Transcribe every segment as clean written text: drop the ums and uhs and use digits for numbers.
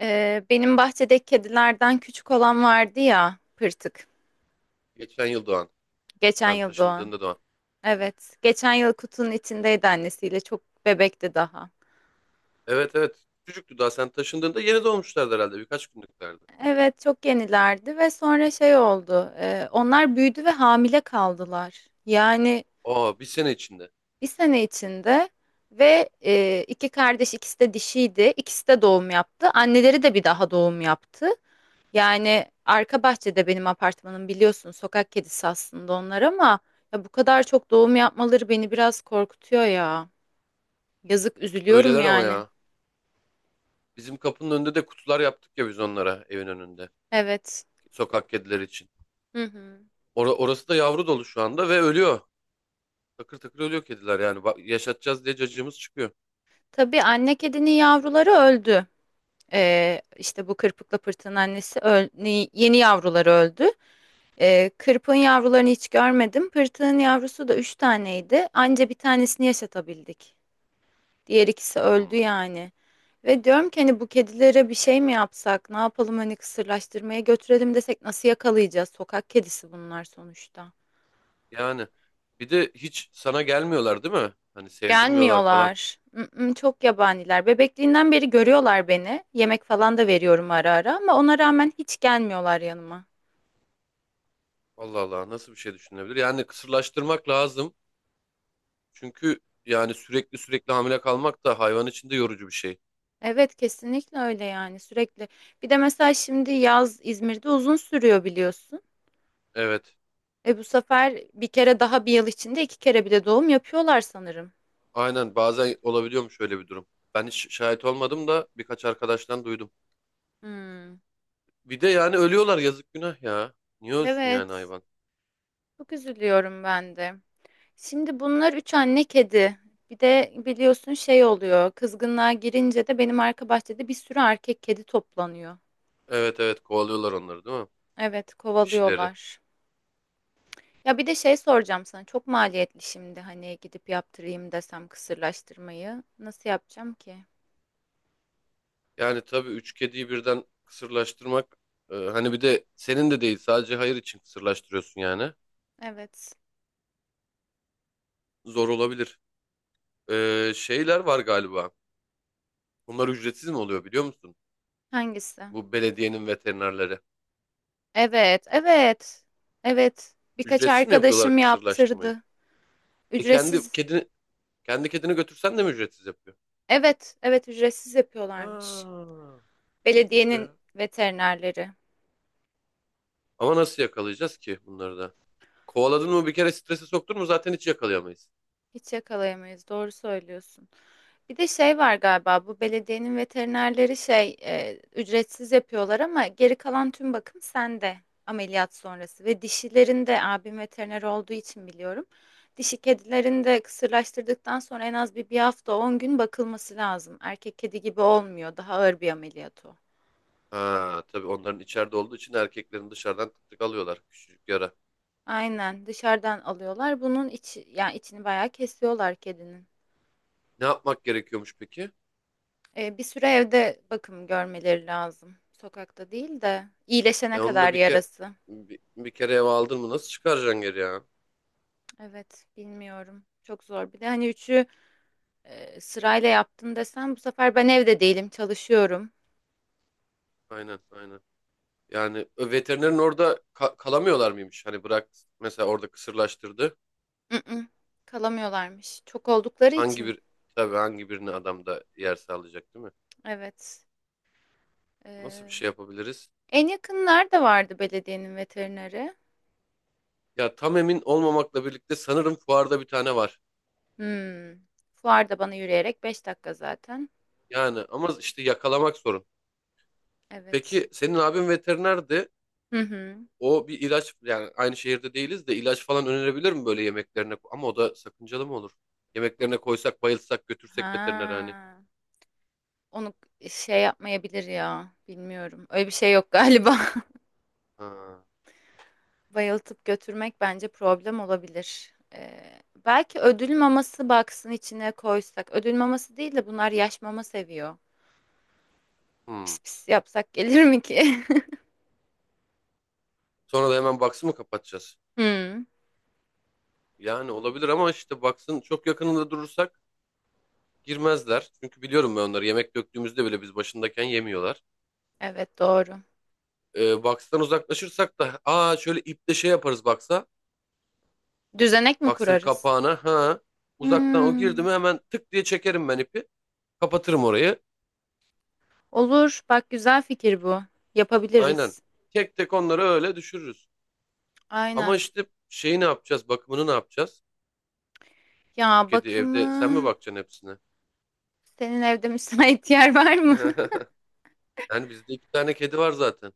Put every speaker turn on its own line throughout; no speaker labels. Benim bahçedeki kedilerden küçük olan vardı ya, pırtık.
Geçen yıl doğan.
Geçen
Sen
yıl doğan.
taşındığında doğan.
Evet, geçen yıl kutunun içindeydi annesiyle. Çok bebekti daha.
Evet evet. Çocuktu daha, sen taşındığında yeni doğmuşlardı herhalde. Birkaç günlüklerdi.
Evet, çok yenilerdi ve sonra şey oldu. Onlar büyüdü ve hamile kaldılar. Yani
Aa, bir sene içinde.
bir sene içinde ve iki kardeş ikisi de dişiydi. İkisi de doğum yaptı. Anneleri de bir daha doğum yaptı. Yani arka bahçede benim apartmanım biliyorsun sokak kedisi aslında onlar ama ya bu kadar çok doğum yapmaları beni biraz korkutuyor ya. Yazık üzülüyorum
Öyleler ama
yani.
ya. Bizim kapının önünde de kutular yaptık ya biz onlara, evin önünde.
Evet.
Sokak kedileri için.
Hı hı.
Orası da yavru dolu şu anda ve ölüyor. Takır takır ölüyor kediler yani. Bak, yaşatacağız diye cacığımız çıkıyor.
Tabii anne kedinin yavruları öldü. İşte bu kırpıkla pırtığın annesi yeni yavruları öldü. Kırpığın yavrularını hiç görmedim. Pırtığın yavrusu da üç taneydi. Anca bir tanesini yaşatabildik. Diğer ikisi öldü
Hmm.
yani. Ve diyorum ki hani bu kedilere bir şey mi yapsak? Ne yapalım hani kısırlaştırmaya götürelim desek nasıl yakalayacağız? Sokak kedisi bunlar sonuçta.
Yani bir de hiç sana gelmiyorlar değil mi? Hani sevdirmiyorlar falan.
Gelmiyorlar. Mm-mm, çok yabaniler. Bebekliğinden beri görüyorlar beni. Yemek falan da veriyorum ara ara ama ona rağmen hiç gelmiyorlar yanıma.
Allah Allah, nasıl bir şey düşünülebilir? Yani kısırlaştırmak lazım. Çünkü yani sürekli sürekli hamile kalmak da hayvan için de yorucu bir şey.
Evet kesinlikle öyle yani sürekli. Bir de mesela şimdi yaz İzmir'de uzun sürüyor biliyorsun.
Evet.
Bu sefer bir kere daha bir yıl içinde iki kere bile doğum yapıyorlar sanırım.
Aynen, bazen olabiliyormuş öyle bir durum. Ben hiç şahit olmadım da birkaç arkadaştan duydum.
Hmm.
Bir de yani ölüyorlar, yazık, günah ya. Niye ölsün yani
Evet.
hayvan?
Çok üzülüyorum ben de. Şimdi bunlar üç anne kedi. Bir de biliyorsun şey oluyor. Kızgınlığa girince de benim arka bahçede bir sürü erkek kedi toplanıyor.
Evet evet, kovalıyorlar onları değil mi?
Evet,
Dişileri.
kovalıyorlar. Ya bir de şey soracağım sana. Çok maliyetli şimdi hani gidip yaptırayım desem kısırlaştırmayı. Nasıl yapacağım ki?
Yani tabii üç kediyi birden kısırlaştırmak, hani bir de senin de değil, sadece hayır için kısırlaştırıyorsun yani.
Evet.
Zor olabilir. E, şeyler var galiba. Bunlar ücretsiz mi oluyor biliyor musun?
Hangisi?
Bu belediyenin veterinerleri.
Evet, evet. Evet. Birkaç
Ücretsiz mi yapıyorlar
arkadaşım
kısırlaştırmayı?
yaptırdı.
E, kendi
Ücretsiz.
kedini kendi kedini götürsen de mi ücretsiz yapıyor?
Evet, evet ücretsiz
Ha,
yapıyorlarmış.
iyiymiş o
Belediyenin
ya.
veterinerleri.
Ama nasıl yakalayacağız ki bunları da? Kovaladın mı bir kere, strese soktun mu zaten hiç yakalayamayız.
Hiç yakalayamayız. Doğru söylüyorsun. Bir de şey var galiba bu belediyenin veterinerleri şey ücretsiz yapıyorlar ama geri kalan tüm bakım sende ameliyat sonrası ve dişilerin de abim veteriner olduğu için biliyorum. Dişi kedilerin de kısırlaştırdıktan sonra en az bir hafta 10 gün bakılması lazım. Erkek kedi gibi olmuyor. Daha ağır bir ameliyat o.
Ha, tabii onların içeride olduğu için erkeklerin, dışarıdan tık tık alıyorlar, küçücük yara.
Aynen dışarıdan alıyorlar. Bunun içi yani içini bayağı kesiyorlar kedinin.
Ne yapmak gerekiyormuş peki?
E, bir süre evde bakım görmeleri lazım. Sokakta değil de iyileşene
E onu da
kadar
bir kere,
yarası.
bir kere eve aldın mı nasıl çıkaracaksın geri ya?
Evet, bilmiyorum. Çok zor. Bir de hani üçü sırayla yaptın desem bu sefer ben evde değilim, çalışıyorum.
Aynen aynen. Yani veterinerin orada kalamıyorlar mıymış? Hani bırak, mesela orada kısırlaştırdı.
Mm-mm, kalamıyorlarmış. Çok oldukları
Hangi
için.
bir Tabii hangi birine adam da yer sağlayacak değil mi?
Evet. E,
Nasıl bir şey yapabiliriz?
En yakın nerede vardı belediyenin veterineri?
Ya, tam emin olmamakla birlikte sanırım fuarda bir tane var.
Hmm. Fuarda bana yürüyerek 5 dakika zaten.
Yani ama işte yakalamak sorun.
Evet.
Peki senin abin veterinerdi.
Hı hı.
O bir ilaç, yani aynı şehirde değiliz de, ilaç falan önerebilir mi böyle yemeklerine? Ama o da sakıncalı mı olur? Yemeklerine koysak, bayılsak, götürsek veterinere hani.
Ha. Onu şey yapmayabilir ya. Bilmiyorum. Öyle bir şey yok galiba.
Ha,
Bayıltıp götürmek bence problem olabilir. Belki ödül maması baksın içine koysak. Ödül maması değil de bunlar yaş mama seviyor.
hmm.
Pis pis yapsak gelir mi ki?
Sonra da hemen box'ı mı kapatacağız?
Hmm,
Yani olabilir ama işte, baksın, çok yakınında durursak girmezler. Çünkü biliyorum ben onları. Yemek döktüğümüzde bile biz başındayken yemiyorlar.
evet doğru.
Box'tan uzaklaşırsak da, şöyle iple şey yaparız box'a.
Düzenek mi
Box'ın
kurarız?
kapağına, ha. Uzaktan o girdi
Hmm,
mi hemen tık diye çekerim ben ipi. Kapatırım orayı.
olur. Bak güzel fikir bu.
Aynen.
Yapabiliriz.
Tek tek onları öyle düşürürüz. Ama
Aynen.
işte şeyi ne yapacağız? Bakımını ne yapacağız? Üç
Ya
kedi
bakımı
evde, sen mi bakacaksın hepsine?
senin evde müsait yer var mı?
Yani bizde iki tane kedi var zaten.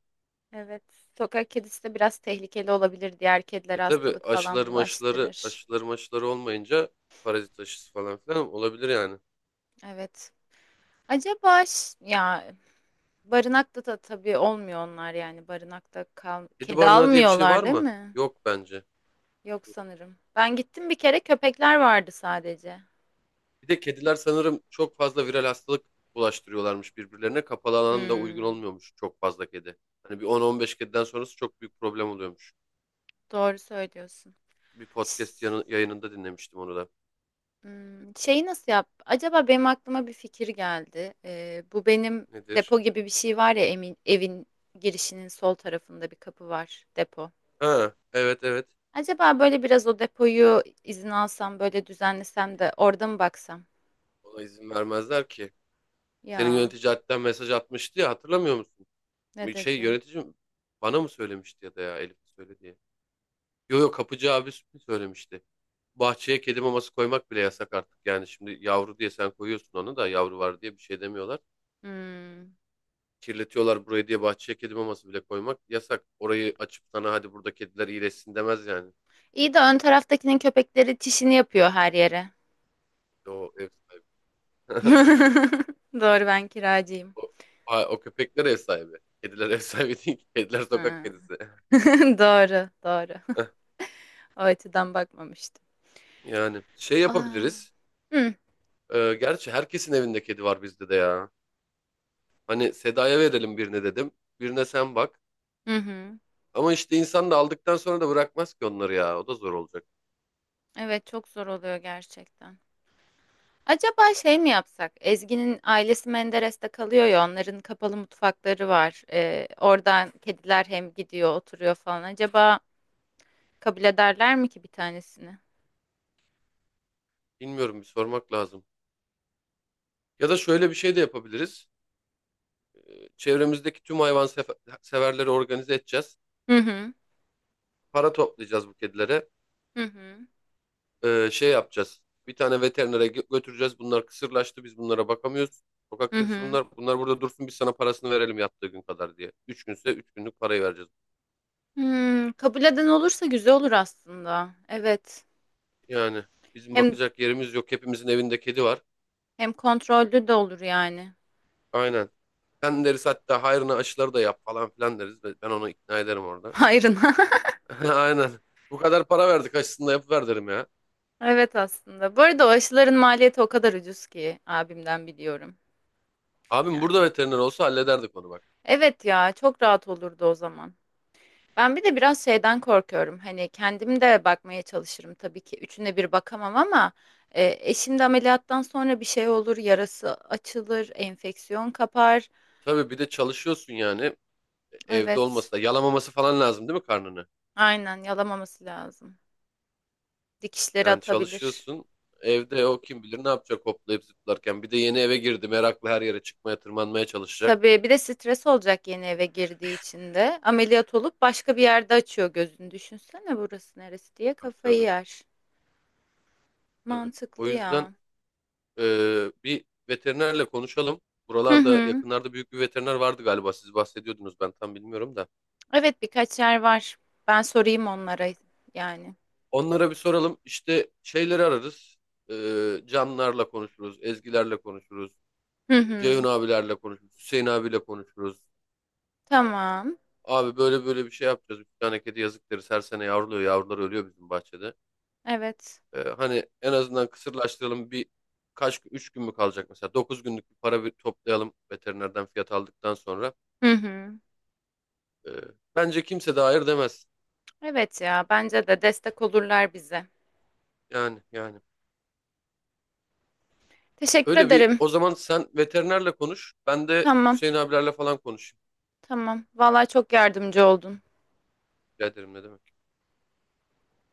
Evet. Sokak kedisi de biraz tehlikeli olabilir. Diğer
E
kedilere
tabi,
hastalık falan bulaştırır.
aşıları maşıları olmayınca parazit aşısı falan filan olabilir yani.
Evet. Acaba ya barınakta da tabii olmuyor onlar yani barınakta kal
Kedi
kedi
barınağı diye bir şey
almıyorlar
var
değil
mı?
mi?
Yok bence.
Yok sanırım. Ben gittim bir kere köpekler vardı sadece.
Bir de kediler sanırım çok fazla viral hastalık bulaştırıyorlarmış birbirlerine. Kapalı alan da uygun
Hmm,
olmuyormuş çok fazla kedi. Hani bir 10-15 kediden sonrası çok büyük problem oluyormuş.
doğru söylüyorsun.
Bir podcast yayınında dinlemiştim onu da.
Şeyi nasıl yap? Acaba benim aklıma bir fikir geldi. Bu benim
Nedir?
depo gibi bir şey var ya emin, evin girişinin sol tarafında bir kapı var depo.
Ha, evet evet.
Acaba böyle biraz o depoyu izin alsam böyle düzenlesem de orada mı baksam?
Ona izin vermezler ki. Senin
Ya
yönetici hatta mesaj atmıştı ya, hatırlamıyor musun?
ne
Bir şey,
dedi?
yöneticim bana mı söylemişti ya da ya Elif söyledi diye. Yo yo, kapıcı abi söylemişti. Bahçeye kedi maması koymak bile yasak artık. Yani şimdi yavru diye sen koyuyorsun, onu da yavru var diye bir şey demiyorlar.
Hmm.
Kirletiyorlar burayı diye bahçeye kedi maması bile koymak yasak. Orayı açıp sana hadi burada kediler iyileşsin demez yani.
İyi de ön taraftakinin köpekleri çişini yapıyor her yere.
O ev sahibi.
Doğru ben kiracıyım.
O, o köpekler ev sahibi. Kediler ev sahibi değil ki. Kediler sokak
Ha.
kedisi.
Doğru doğru. O açıdan bakmamıştım.
Yani şey
Aa.
yapabiliriz.
Hı.
Gerçi herkesin evinde kedi var, bizde de ya. Hani Seda'ya verelim birine dedim. Birine sen bak.
Hı hı.
Ama işte insan da aldıktan sonra da bırakmaz ki onları ya. O da zor olacak.
Evet çok zor oluyor gerçekten. Acaba şey mi yapsak? Ezgi'nin ailesi Menderes'te kalıyor ya, onların kapalı mutfakları var. Oradan kediler hem gidiyor, oturuyor falan. Acaba kabul ederler mi ki bir tanesini?
Bilmiyorum, bir sormak lazım. Ya da şöyle bir şey de yapabiliriz. Çevremizdeki tüm hayvan severleri organize edeceğiz.
Hı hı,
Para toplayacağız bu kedilere.
hı hı,
Şey yapacağız. Bir tane veterinere götüreceğiz. Bunlar kısırlaştı. Biz bunlara bakamıyoruz. Sokak
hı
kedisi
hı.
bunlar. Bunlar burada dursun. Biz sana parasını verelim yattığı gün kadar diye. Üç günse üç günlük parayı vereceğiz.
Hmm, kabul eden olursa güzel olur aslında. Evet.
Yani bizim
Hem
bakacak yerimiz yok. Hepimizin evinde kedi var.
hem kontrollü de olur yani.
Aynen. Sen deriz hatta, hayrına aşıları da yap falan filan deriz. Ben onu ikna ederim orada.
Hayrına.
Aynen. Bu kadar para verdik, aşısını da yapıver derim ya.
Evet aslında. Bu arada o aşıların maliyeti o kadar ucuz ki abimden biliyorum
Abim burada
yani.
veteriner olsa hallederdik onu, bak.
Evet ya, çok rahat olurdu o zaman. Ben bir de biraz şeyden korkuyorum. Hani kendim de bakmaya çalışırım tabii ki. Üçüne bir bakamam ama e, eşim de ameliyattan sonra bir şey olur, yarası açılır, enfeksiyon kapar.
Tabii, bir de çalışıyorsun, yani evde olması
Evet,
da, yalamaması falan lazım değil mi karnını?
aynen yalamaması lazım. Dikişleri
Yani
atabilir.
çalışıyorsun, evde o kim bilir ne yapacak hoplayıp zıplarken. Bir de yeni eve girdi, meraklı, her yere çıkmaya, tırmanmaya çalışacak.
Tabii bir de stres olacak yeni eve girdiği için de. Ameliyat olup başka bir yerde açıyor gözünü. Düşünsene burası neresi diye
Tabii
kafayı
tabii
yer.
tabii. O
Mantıklı
yüzden
ya.
e, bir veterinerle konuşalım.
Hı
Buralarda
hı.
yakınlarda büyük bir veteriner vardı galiba, siz bahsediyordunuz, ben tam bilmiyorum da.
Evet birkaç yer var. Ben sorayım onlara yani.
Onlara bir soralım, işte şeyleri ararız. E, canlarla konuşuruz, ezgilerle konuşuruz.
Hı
Ceyhun
hı.
abilerle konuşuruz. Hüseyin abiyle konuşuruz.
Tamam.
Abi böyle böyle bir şey yapacağız. Üç tane kedi, yazık deriz. Her sene yavruluyor. Yavrular ölüyor bizim bahçede.
Evet.
Hani en azından kısırlaştıralım. Üç gün mü kalacak mesela? Dokuz günlük bir para bir toplayalım, veterinerden fiyat aldıktan sonra.
Hı hı.
Ee, Bence kimse de hayır demez.
Evet ya bence de destek olurlar bize.
Yani yani.
Teşekkür
Öyle. Bir
ederim.
o zaman sen veterinerle konuş. Ben de
Tamam.
Hüseyin abilerle falan konuşayım.
Tamam. Vallahi çok yardımcı oldun.
Rica ederim, ne demek.